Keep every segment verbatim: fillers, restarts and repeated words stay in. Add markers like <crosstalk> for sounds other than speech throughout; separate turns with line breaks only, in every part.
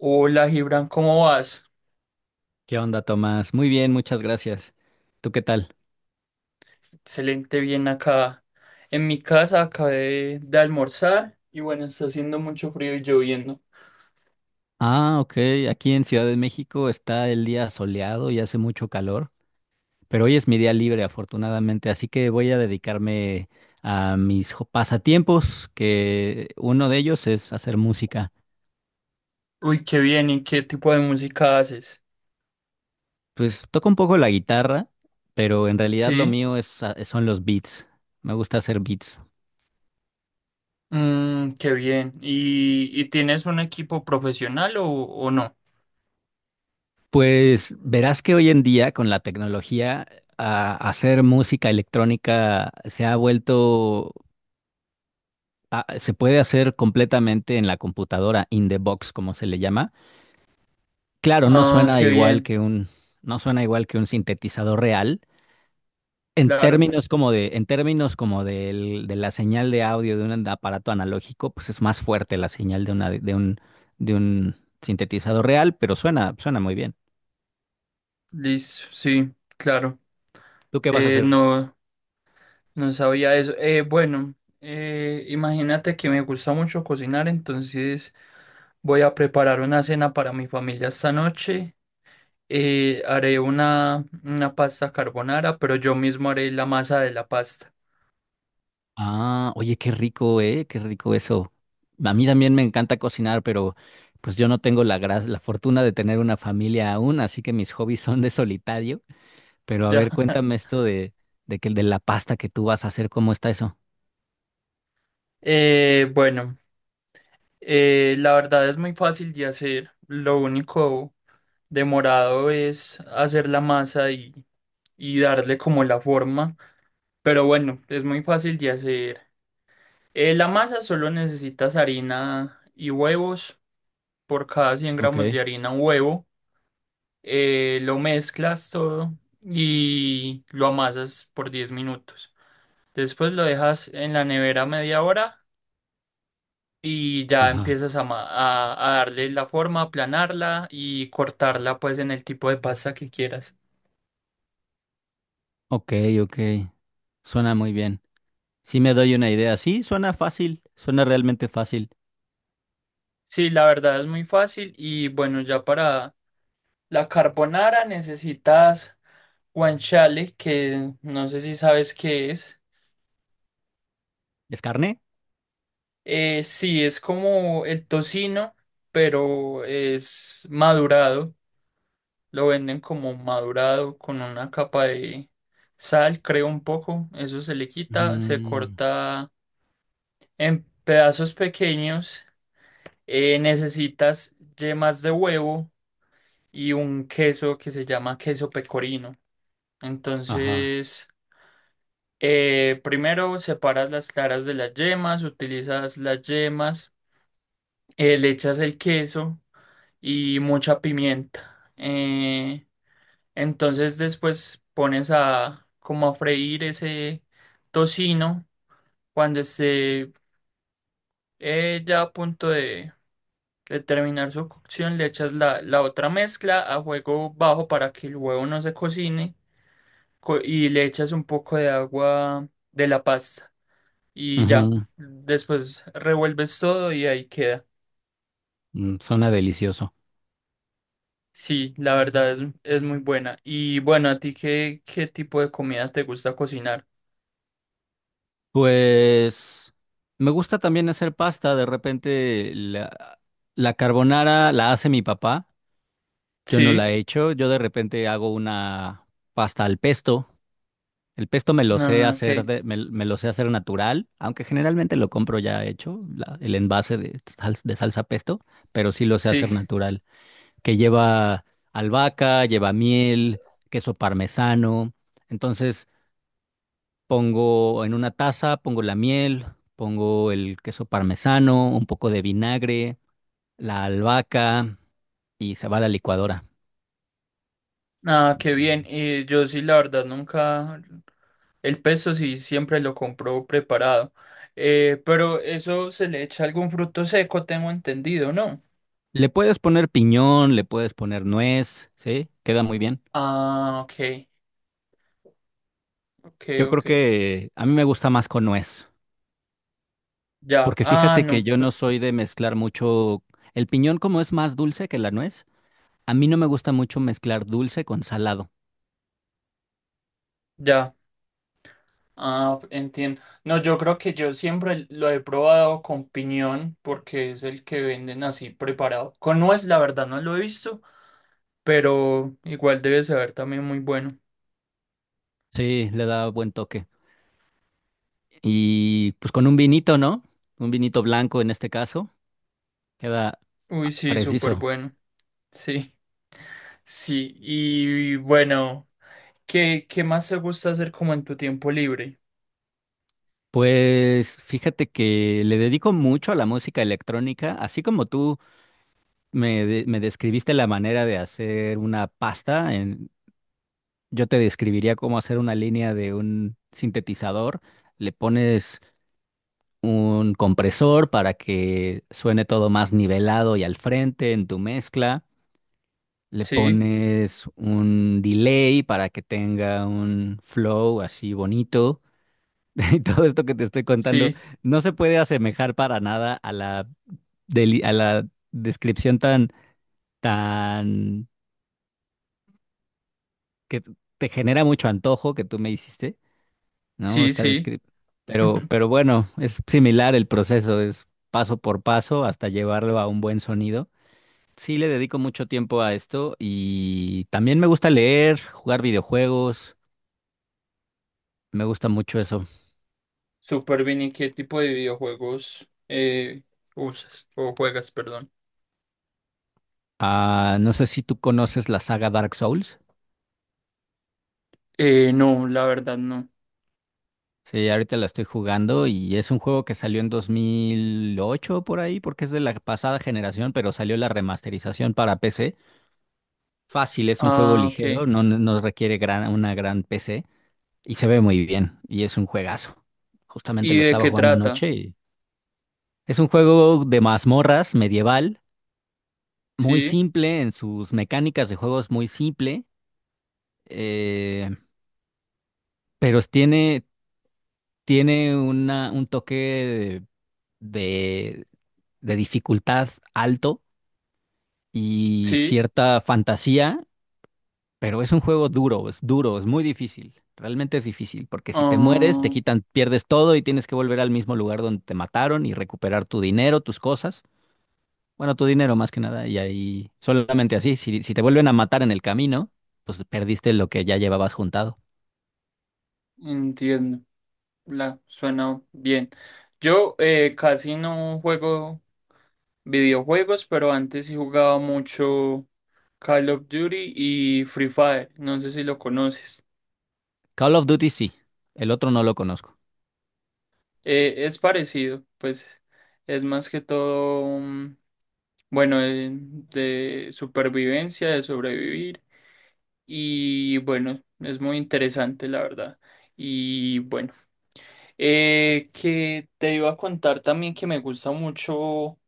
Hola Gibran, ¿cómo vas?
¿Qué onda, Tomás? Muy bien, muchas gracias. ¿Tú qué tal?
Excelente, bien acá. En mi casa acabé de, almorzar y bueno, está haciendo mucho frío y lloviendo.
Ah, ok. Aquí en Ciudad de México está el día soleado y hace mucho calor, pero hoy es mi día libre, afortunadamente, así que voy a dedicarme a mis jo- pasatiempos, que uno de ellos es hacer música.
Uy, qué bien, ¿y qué tipo de música haces?
Pues toco un poco la guitarra, pero en realidad lo
Sí,
mío es, a- son los beats. Me gusta hacer beats.
mm, qué bien. ¿Y, y tienes un equipo profesional o, o no?
Pues verás que hoy en día con la tecnología a- hacer música electrónica se ha vuelto ah, se puede hacer completamente en la computadora, in the box, como se le llama. Claro, no
Ah,
suena
qué
igual
bien,
que un, no suena igual que un sintetizador real. En
claro.
términos como de, en términos como del- de la señal de audio de un aparato analógico, pues es más fuerte la señal de una, de un, de un sintetizador real, pero suena, suena muy bien.
Listo, sí, claro.
¿Tú qué vas a
Eh,
hacer hoy?
no, no sabía eso. Eh, bueno, eh, imagínate que me gusta mucho cocinar, entonces... Voy a preparar una cena para mi familia esta noche. Eh, haré una, una pasta carbonara, pero yo mismo haré la masa de la pasta.
Ah, oye, qué rico, ¿eh? Qué rico eso. A mí también me encanta cocinar, pero pues yo no tengo la gra- la fortuna de tener una familia aún, así que mis hobbies son de solitario. Pero a
Ya.
ver,
<laughs>
cuéntame esto de, de que de la pasta que tú vas a hacer, ¿cómo está eso?
Eh, bueno, eh, la verdad es muy fácil de hacer. Lo único demorado es hacer la masa y, y darle como la forma. Pero bueno, es muy fácil de hacer. Eh, la masa solo necesitas harina y huevos. Por cada cien
Ok.
gramos de harina, un huevo. Eh, lo mezclas todo y lo amasas por diez minutos. Después lo dejas en la nevera media hora y ya
Ajá.
empiezas a, ma- a, a darle la forma, aplanarla y cortarla pues en el tipo de pasta que quieras.
Ok, ok. Suena muy bien. Sí me doy una idea. Sí, suena fácil, suena realmente fácil.
Sí, la verdad es muy fácil y bueno, ya para la carbonara necesitas guanciale, que no sé si sabes qué es.
¿Es carne?
Eh, sí, es como el tocino, pero es madurado. Lo venden como madurado con una capa de sal, creo un poco. Eso se le quita, se
Mm,
corta en pedazos pequeños. Eh, necesitas yemas de huevo y un queso que se llama queso pecorino.
ajá.
Entonces, eh, primero separas las claras de las yemas, utilizas las yemas, eh, le echas el queso y mucha pimienta. Eh, Entonces después pones a como a freír ese tocino. Cuando esté eh, ya a punto de, de terminar su cocción, le echas la, la otra mezcla a fuego bajo para que el huevo no se cocine co- y le echas un poco de agua de la pasta y ya.
Ujú,
Después revuelves todo y ahí queda.
mm, suena delicioso.
Sí, la verdad es, es muy buena. Y bueno, ¿a ti qué, qué tipo de comida te gusta cocinar?
Pues me gusta también hacer pasta. De repente la, la carbonara la hace mi papá. Yo no
Sí.
la he hecho. Yo de repente hago una pasta al pesto. El pesto me lo sé
Ah, ok.
hacer de- me, me lo sé hacer natural, aunque generalmente lo compro ya hecho, la- el envase de, sal- de salsa pesto, pero sí lo sé hacer
Sí.
natural, que lleva albahaca, lleva miel, queso parmesano. Entonces, pongo en una taza, pongo la miel, pongo el queso parmesano, un poco de vinagre, la albahaca y se va a la licuadora.
Ah, qué bien. Y yo sí, la verdad, nunca. El pesto sí siempre lo compro preparado. Eh, pero eso se le echa algún fruto seco, tengo entendido, ¿no?
Le puedes poner piñón, le puedes poner nuez, ¿sí? Queda muy bien.
Ah, ok, ok,
Yo creo
ok.
que a mí me gusta más con nuez,
Ya,
porque
ah,
fíjate que
no,
yo no
pues
soy de mezclar mucho. El piñón como es más dulce que la nuez, a mí no me gusta mucho mezclar dulce con salado.
ya, ah, entiendo. No, yo creo que yo siempre lo he probado con piñón, porque es el que venden así preparado. Con nuez, la verdad, no lo he visto, pero igual debe saber también muy bueno.
Sí, le da buen toque. Y pues con un vinito, ¿no? Un vinito blanco en este caso queda ah,
Uy, sí, súper
preciso.
bueno, sí. Sí, y bueno, ¿qué, qué más te gusta hacer como en tu tiempo libre?
Pues fíjate que le dedico mucho a la música electrónica, así como tú me, de- me describiste la manera de hacer una pasta, en- yo te describiría cómo hacer una línea de un sintetizador. Le pones un compresor para que suene todo más nivelado y al frente en tu mezcla. Le
Sí,
pones un delay para que tenga un flow así bonito. <laughs> Y todo esto que te estoy contando
sí,
no se puede asemejar para nada a la, deli- a la descripción tan, tan, que te genera mucho antojo que tú me hiciste, ¿no?
sí,
Esta
sí.
descrip- Pero,
<laughs>
pero bueno, es similar el proceso, es paso por paso hasta llevarlo a un buen sonido. Sí le dedico mucho tiempo a esto y también me gusta leer, jugar videojuegos, me gusta mucho eso.
Súper bien, ¿y qué tipo de videojuegos eh, usas o juegas, perdón?
Ah, no sé si tú conoces la saga Dark Souls.
Eh, no, la verdad no.
Sí, ahorita la estoy jugando y es un juego que salió en dos mil ocho por ahí, porque es de la pasada generación, pero salió la remasterización para P C. Fácil, es un juego
Ah, ok.
ligero, no, no no requiere gran, una gran P C y se ve muy bien y es un juegazo. Justamente
¿Y
lo
de
estaba
qué
jugando
trata?
anoche y es un juego de mazmorras medieval, muy
Sí,
simple en sus mecánicas de juego es muy simple, eh, pero tiene, tiene una, un toque de de dificultad alto y
sí.
cierta fantasía, pero es un juego duro, es duro, es muy difícil. Realmente es difícil, porque si te mueres, te
Ah,
quitan, pierdes todo y tienes que volver al mismo lugar donde te mataron y recuperar tu dinero, tus cosas. Bueno, tu dinero más que nada, y ahí solamente así, si, si te vuelven a matar en el camino, pues perdiste lo que ya llevabas juntado.
entiendo. La, suena bien. Yo eh, casi no juego videojuegos, pero antes sí jugaba mucho Call of Duty y Free Fire. No sé si lo conoces.
Call of Duty sí, el otro no lo conozco.
Eh, es parecido, pues es más que todo, mm, bueno, de, de supervivencia, de sobrevivir. Y bueno, es muy interesante, la verdad. Y bueno, eh, que te iba a contar también que me gusta mucho.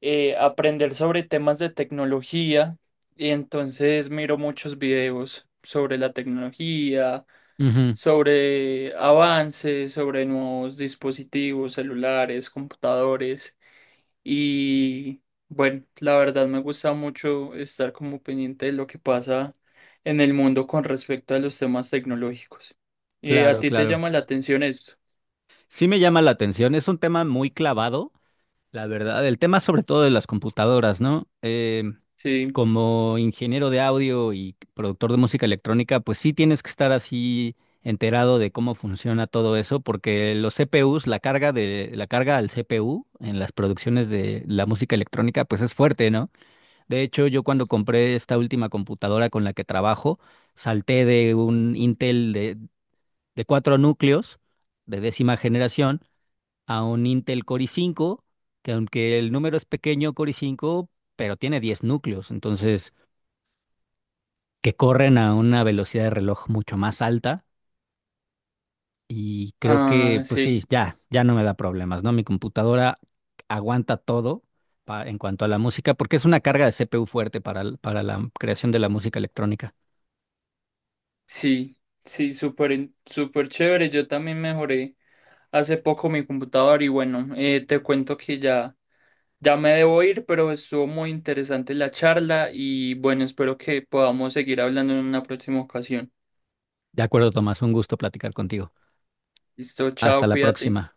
eh, Aprender sobre temas de tecnología y entonces miro muchos videos sobre la tecnología,
Ujú,
sobre avances, sobre nuevos dispositivos, celulares, computadores y bueno, la verdad me gusta mucho estar como pendiente de lo que pasa en el mundo con respecto a los temas tecnológicos. ¿Y a
claro,
ti te
claro.
llama la atención esto?
Sí me llama la atención, es un tema muy clavado. La verdad, el tema sobre todo de las computadoras, ¿no? Eh,
Sí.
como ingeniero de audio y productor de música electrónica, pues sí tienes que estar así enterado de cómo funciona todo eso, porque los C P Us, la carga de la carga al C P U en las producciones de la música electrónica, pues es fuerte, ¿no? De hecho, yo cuando compré esta última computadora con la que trabajo, salté de un Intel de, de cuatro núcleos de décima generación a un Intel Core i cinco, que aunque el número es pequeño, Core i cinco, pero tiene diez núcleos, entonces que corren a una velocidad de reloj mucho más alta y creo
Ah,
que pues
sí.
sí, ya, ya no me da problemas, ¿no? Mi computadora aguanta todo pa- en cuanto a la música, porque es una carga de C P U fuerte para, el- para la creación de la música electrónica.
Sí, sí, súper, in- súper chévere. Yo también mejoré hace poco mi computador y bueno, eh, te cuento que ya, ya me debo ir, pero estuvo muy interesante la charla y bueno, espero que podamos seguir hablando en una próxima ocasión.
De acuerdo, Tomás, un gusto platicar contigo.
Listo, chao,
Hasta la
cuídate.
próxima.